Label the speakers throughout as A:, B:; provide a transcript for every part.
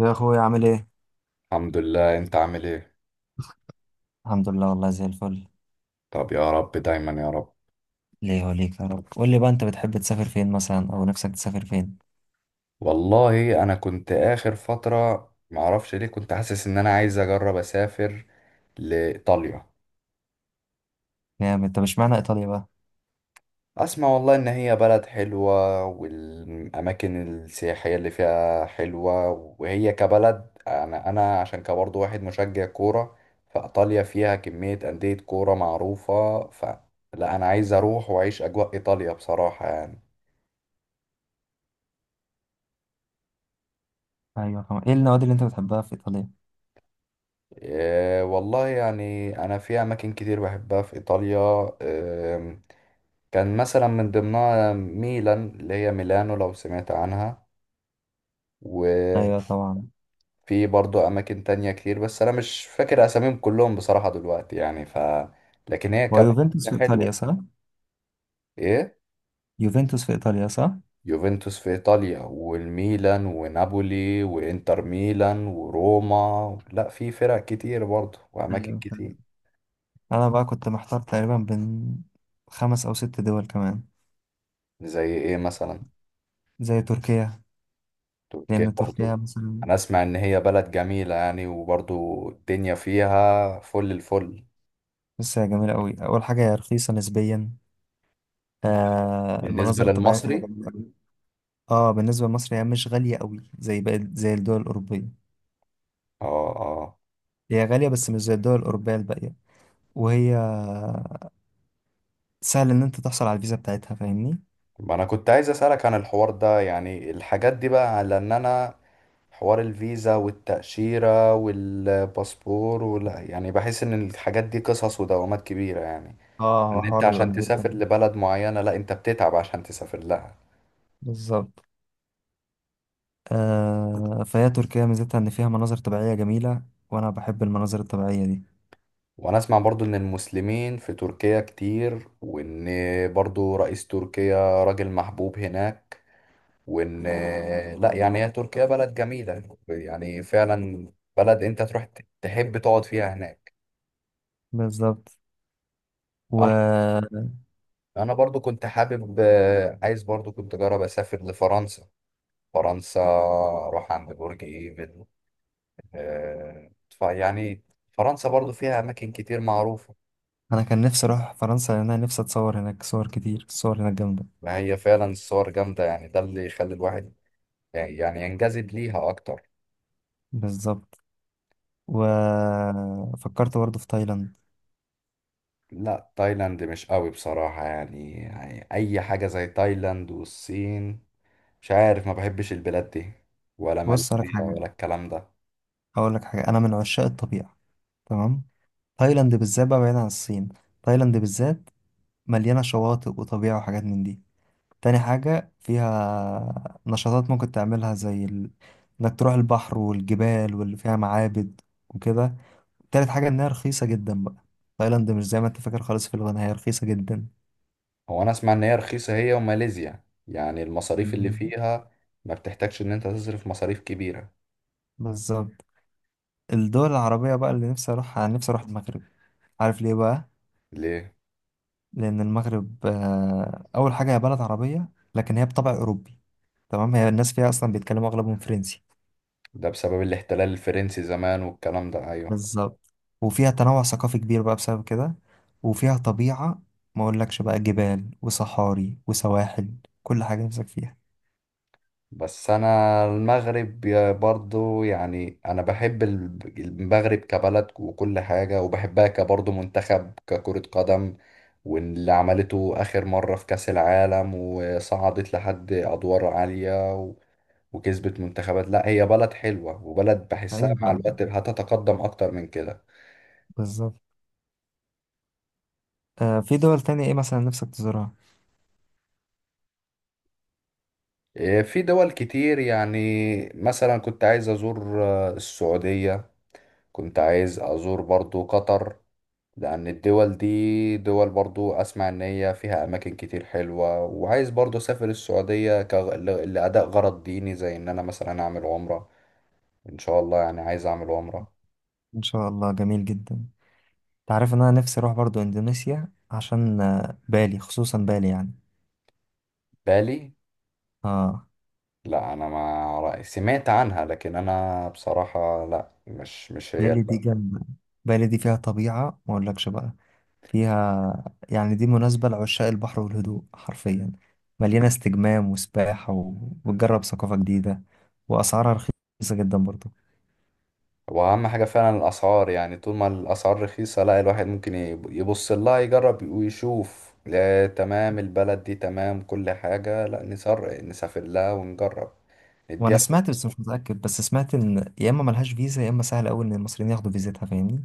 A: يا اخويا عامل ايه؟
B: الحمد لله، انت عامل ايه؟
A: الحمد لله، والله زي الفل.
B: طب يا رب دايما يا رب.
A: ليه وليك يا رب. قول لي بقى، انت بتحب تسافر فين مثلا، او نفسك تسافر فين؟
B: والله انا كنت اخر فترة معرفش ليه كنت حاسس ان انا عايز اجرب اسافر لايطاليا.
A: نعم، انت مش معنى ايطاليا بقى.
B: اسمع، والله ان هي بلد حلوة والاماكن السياحية اللي فيها حلوة. وهي كبلد انا عشان كبرضه واحد مشجع كورة. فايطاليا فيها كمية اندية كورة معروفة، فلا انا عايز اروح واعيش اجواء ايطاليا بصراحة يعني.
A: ايوه طبعا. ايه النوادي اللي انت بتحبها في ايطاليا؟
B: إيه، والله يعني أنا في أماكن كتير بحبها في إيطاليا. إيه كان مثلا من ضمنها ميلان اللي هي ميلانو، لو سمعت عنها. وفي
A: ايوه طبعا.
B: برضو أماكن تانية كتير، بس أنا مش فاكر أساميهم كلهم بصراحة دلوقتي يعني. ف لكن هي كمان
A: ويوفنتوس في
B: حلوة.
A: ايطاليا صح؟
B: إيه.
A: يوفنتوس في ايطاليا صح؟
B: يوفنتوس في إيطاليا والميلان ونابولي وإنتر ميلان وروما، لا في فرق كتير برضو وأماكن
A: ايوه فعلا.
B: كتير.
A: انا بقى كنت محتار تقريبا بين خمس او ست دول كمان.
B: زي إيه مثلا؟
A: زي تركيا.
B: تركيا
A: لان تركيا
B: برضو.
A: مثلا.
B: انا اسمع ان هي بلد جميلة يعني، وبرضو الدنيا فيها فل الفل.
A: بس هي جميله قوي، اول حاجه هي رخيصه نسبيا.
B: بالنسبة
A: المناظر الطبيعيه فيها
B: للمصري.
A: جميله قوي. اه، بالنسبة لمصر هي مش غالية قوي زي باقي زي الدول الأوروبية.
B: اه، اه.
A: هي غالية بس مش زي الدول الأوروبية الباقية. وهي سهل إن أنت تحصل على الفيزا بتاعتها، فاهمني.
B: ما انا كنت عايز اسألك عن الحوار ده، يعني الحاجات دي بقى، لان انا حوار الفيزا والتأشيرة والباسبور، ولا يعني بحس ان الحاجات دي قصص ودوامات كبيرة يعني.
A: اه، هو
B: ان انت
A: حوار بيبقى
B: عشان
A: كبير،
B: تسافر
A: فاهم.
B: لبلد معينة، لا انت بتتعب عشان تسافر لها.
A: بالظبط. فهي تركيا ميزتها إن فيها مناظر طبيعية جميلة، وأنا بحب المناظر الطبيعية دي.
B: وانا اسمع برضو ان المسلمين في تركيا كتير، وان برضو رئيس تركيا راجل محبوب هناك، وان لا يعني هي تركيا بلد جميلة يعني فعلا. بلد انت تروح تحب تقعد فيها هناك.
A: بالظبط.
B: انا
A: وأنا
B: انا برضو كنت حابب، عايز برضو كنت اجرب اسافر لفرنسا. فرنسا اروح عند برج ايفل. فيعني فرنسا برضو فيها اماكن كتير معروفة.
A: كان نفسي أروح فرنسا، لأن أنا نفسي أتصور هناك صور كتير، الصور هناك جامدة.
B: ما هي فعلا الصور جامدة، يعني ده اللي يخلي الواحد يعني ينجذب ليها اكتر.
A: بالظبط. وفكرت برضه في تايلاند.
B: لا تايلاند مش قوي بصراحة يعني أي حاجة زي تايلاند والصين، مش عارف، ما بحبش البلاد دي ولا
A: بص هقولك
B: ماليزيا
A: حاجة.
B: ولا الكلام ده.
A: هقولك حاجة، أنا من عشاق الطبيعة، تمام؟ تايلاند بالذات بقى، بعيد عن الصين، تايلاند بالذات مليانة شواطئ وطبيعة وحاجات من دي. تاني حاجة، فيها نشاطات ممكن تعملها زي ال... انك تروح البحر والجبال واللي فيها معابد وكده. تالت حاجة، انها رخيصة جدا بقى. تايلاند مش زي ما انت فاكر خالص في الغنى، هي رخيصة جدا.
B: هو أنا أسمع إن هي رخيصة، هي وماليزيا، يعني المصاريف اللي
A: مم.
B: فيها ما بتحتاجش إن أنت تصرف مصاريف كبيرة.
A: بالظبط. الدول العربية بقى اللي نفسي اروحها، انا نفسي اروح المغرب. عارف ليه بقى؟
B: ليه؟
A: لأن المغرب، أول حاجة هي بلد عربية لكن هي بطبع أوروبي، تمام؟ هي الناس فيها أصلا بيتكلموا أغلبهم فرنسي.
B: ده بسبب الاحتلال الفرنسي زمان والكلام ده، أيوه.
A: بالظبط. وفيها تنوع ثقافي كبير بقى بسبب كده. وفيها طبيعة ما أقولكش بقى، جبال وصحاري وسواحل، كل حاجة نفسك فيها.
B: بس انا المغرب برضو، يعني انا بحب المغرب كبلد وكل حاجة، وبحبها كبرضو منتخب ككرة قدم. واللي عملته اخر مرة في كأس العالم وصعدت لحد ادوار عالية و- وكسبت منتخبات. لا هي بلد حلوة وبلد بحسها
A: ايوه
B: مع
A: فعلا.
B: الوقت هتتقدم اكتر من كده.
A: بالظبط. في دول تانية إيه مثلا نفسك تزورها؟
B: إيه، في دول كتير يعني. مثلا كنت عايز ازور السعودية، كنت عايز ازور برضو قطر. لأن الدول دي دول برضو أسمع إن هي فيها أماكن كتير حلوة، وعايز برضو أسافر السعودية لأداء غرض ديني، زي إن أنا مثلا أعمل عمرة، إن شاء الله يعني عايز أعمل عمرة.
A: إن شاء الله، جميل جدا. تعرف إن أنا نفسي أروح برضو إندونيسيا، عشان بالي، خصوصا بالي يعني.
B: بالي.
A: آه.
B: لا أنا ما رأي- سمعت عنها، لكن أنا بصراحة لا، مش هي
A: بالي دي
B: اللي.
A: جنب، بالي دي فيها طبيعة ما أقولكش بقى. فيها يعني، دي مناسبة لعشاق البحر والهدوء حرفيا، مليانة استجمام وسباحة و... وتجرب ثقافة جديدة، وأسعارها رخيصة جدا برضه.
B: وأهم حاجة فعلا الأسعار، يعني طول ما الأسعار رخيصة لا الواحد ممكن يبص لها، يجرب ويشوف، لا تمام البلد دي تمام كل حاجة، لا نسافر لها ونجرب نديها.
A: وأنا سمعت، بس مش متأكد، بس سمعت إن يا إما ملهاش فيزا يا إما سهل أوي إن المصريين ياخدوا فيزتها، فاهمني؟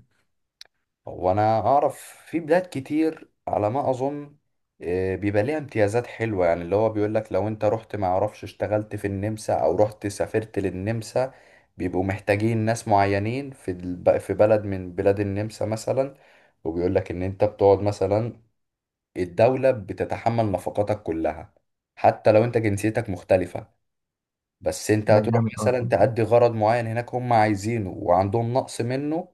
B: وانا اعرف في بلاد كتير على ما اظن بيبقى ليها امتيازات حلوة، يعني اللي هو بيقول لك لو انت رحت ما اعرفش اشتغلت في النمسا او رحت سافرت للنمسا، بيبقوا محتاجين ناس معينين في بلد من بلاد النمسا مثلا. وبيقول لك ان انت بتقعد مثلا الدولة بتتحمل نفقاتك كلها، حتى لو انت جنسيتك مختلفة، بس انت
A: ده
B: هتروح
A: جامد أوي.
B: مثلا تأدي غرض معين هناك هم عايزينه وعندهم نقص منه.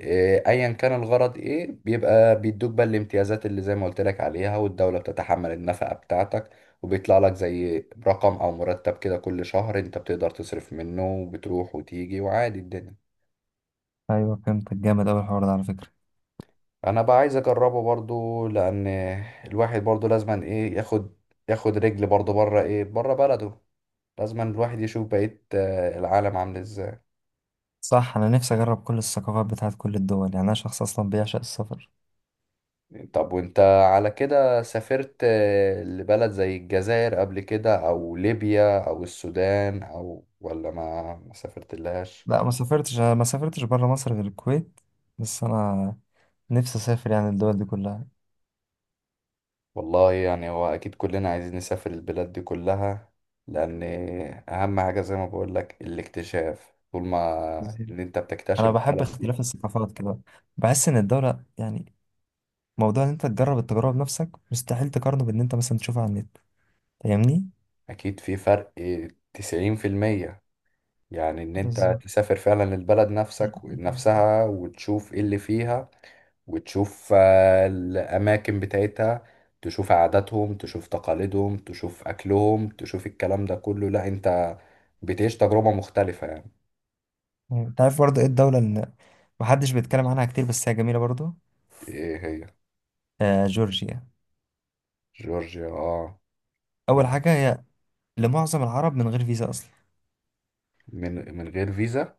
B: اه، ايا كان الغرض ايه، بيبقى بيدوك بقى الامتيازات اللي زي ما قلت لك عليها، والدولة بتتحمل النفقة بتاعتك، وبيطلع لك زي رقم او مرتب كده كل شهر انت بتقدر تصرف منه، وبتروح وتيجي وعادي الدنيا.
A: أيوة فهمتك، جامد أوي الحوار ده على فكرة.
B: انا بقى عايز اجربه برضو، لان الواحد برضو لازما ايه ياخد رجل برضو بره، ايه بره بلده، لازما الواحد يشوف بقية العالم عامل ازاي.
A: صح. أنا نفسي أجرب كل الثقافات بتاعت كل الدول، يعني أنا شخص أصلا بيعشق السفر.
B: طب وانت على كده سافرت لبلد زي الجزائر قبل كده، او ليبيا او السودان، او ولا ما سافرت لهاش.
A: لا، ما سافرتش، أنا ما سافرتش بره مصر غير الكويت. بس أنا نفسي أسافر يعني الدول دي كلها.
B: والله يعني هو اكيد كلنا عايزين نسافر البلاد دي كلها، لان اهم حاجة زي ما بقول لك الاكتشاف، طول ما ان انت بتكتشف
A: انا بحب
B: البلد دي
A: اختلاف الثقافات كده، بحس ان الدولة يعني، موضوع ان انت تجرب التجربة بنفسك مستحيل تقارنه بان انت مثلا تشوفها على النت، فاهمني؟
B: اكيد في فرق 90%. يعني ان انت
A: بالظبط.
B: تسافر فعلا للبلد نفسك نفسها وتشوف ايه اللي فيها، وتشوف الأماكن بتاعتها، تشوف عاداتهم، تشوف تقاليدهم، تشوف أكلهم، تشوف الكلام ده كله، لا أنت بتعيش تجربة مختلفة يعني.
A: يعني انت عارف برضه ايه الدولة اللي محدش بيتكلم عنها كتير بس هي جميلة برضه؟
B: إيه هي؟
A: آه، جورجيا.
B: جورجيا. اه،
A: اول
B: بلد.
A: حاجة هي لمعظم العرب من غير فيزا اصلا.
B: من غير فيزا.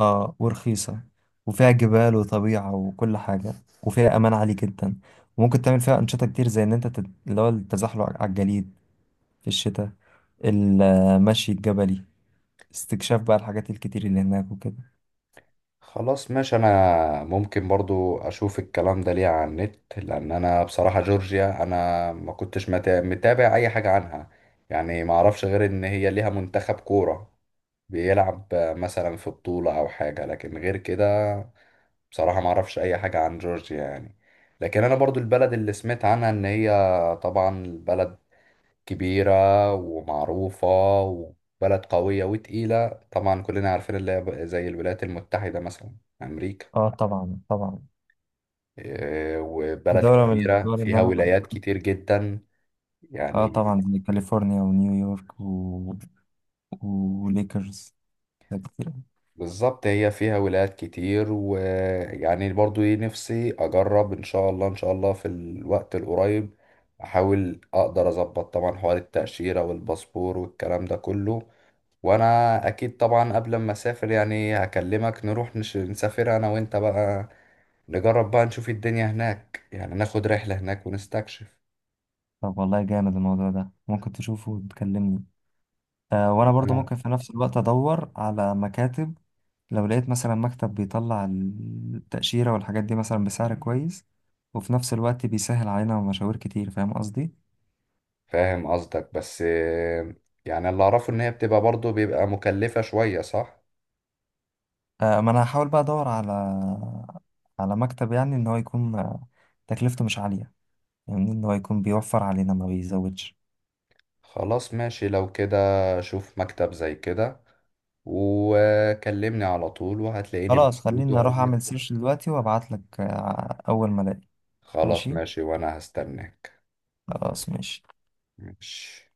A: اه، ورخيصة، وفيها جبال وطبيعة وكل حاجة، وفيها امان عالي جدا. وممكن تعمل فيها انشطة كتير، زي ان انت اللي هو التزحلق على الجليد في الشتاء، المشي الجبلي، استكشاف بقى الحاجات الكتير اللي هناك وكده.
B: خلاص ماشي، أنا ممكن برضو أشوف الكلام ده ليه على النت، لأن أنا بصراحة جورجيا أنا ما كنتش متابع أي حاجة عنها. يعني ما أعرفش غير إن هي ليها منتخب كورة بيلعب مثلا في بطولة أو حاجة، لكن غير كده بصراحة ما اعرفش اي حاجة عن جورجيا يعني. لكن انا برضو البلد اللي سمعت عنها ان هي طبعا بلد كبيرة ومعروفة، وبلد قوية وتقيلة، طبعا كلنا عارفين اللي هي زي الولايات المتحدة مثلا، امريكا.
A: اه طبعا طبعا.
B: إيه، وبلد
A: دولة من
B: كبيرة
A: الدول اللي
B: فيها
A: أنا،
B: ولايات كتير جدا
A: آه
B: يعني.
A: طبعا، زي كاليفورنيا ونيويورك و... وليكرز، حاجات كتير أوي.
B: بالظبط هي فيها ولايات كتير، ويعني برضو ايه نفسي اجرب، ان شاء الله ان شاء الله في الوقت القريب احاول اقدر اظبط طبعا حوار التأشيرة والباسبور والكلام ده كله. وانا اكيد طبعا قبل ما اسافر يعني هكلمك، نروح نسافر انا وانت بقى، نجرب بقى نشوف الدنيا هناك يعني، ناخد رحلة هناك ونستكشف.
A: طب والله جامد الموضوع ده، ممكن تشوفه وتكلمني. وأنا برضو
B: أنا
A: ممكن في نفس الوقت أدور على مكاتب. لو لقيت مثلا مكتب بيطلع التأشيرة والحاجات دي مثلا بسعر كويس، وفي نفس الوقت بيسهل علينا مشاوير كتير، فاهم قصدي؟
B: فاهم قصدك، بس يعني اللي اعرفه ان هي بتبقى برضو بيبقى مكلفة شوية، صح؟
A: ما انا هحاول بقى ادور على على مكتب، يعني ان هو يكون تكلفته مش عالية، يعني ان هو يكون بيوفر علينا ما بيزودش.
B: خلاص ماشي لو كده، شوف مكتب زي كده وكلمني على طول، وهتلاقيني
A: خلاص
B: موجود
A: خليني
B: واقول
A: اروح
B: لك.
A: اعمل سيرش دلوقتي وابعت لك، اول ما الاقي.
B: خلاص
A: ماشي،
B: ماشي وانا هستناك.
A: خلاص ماشي.
B: ماشي.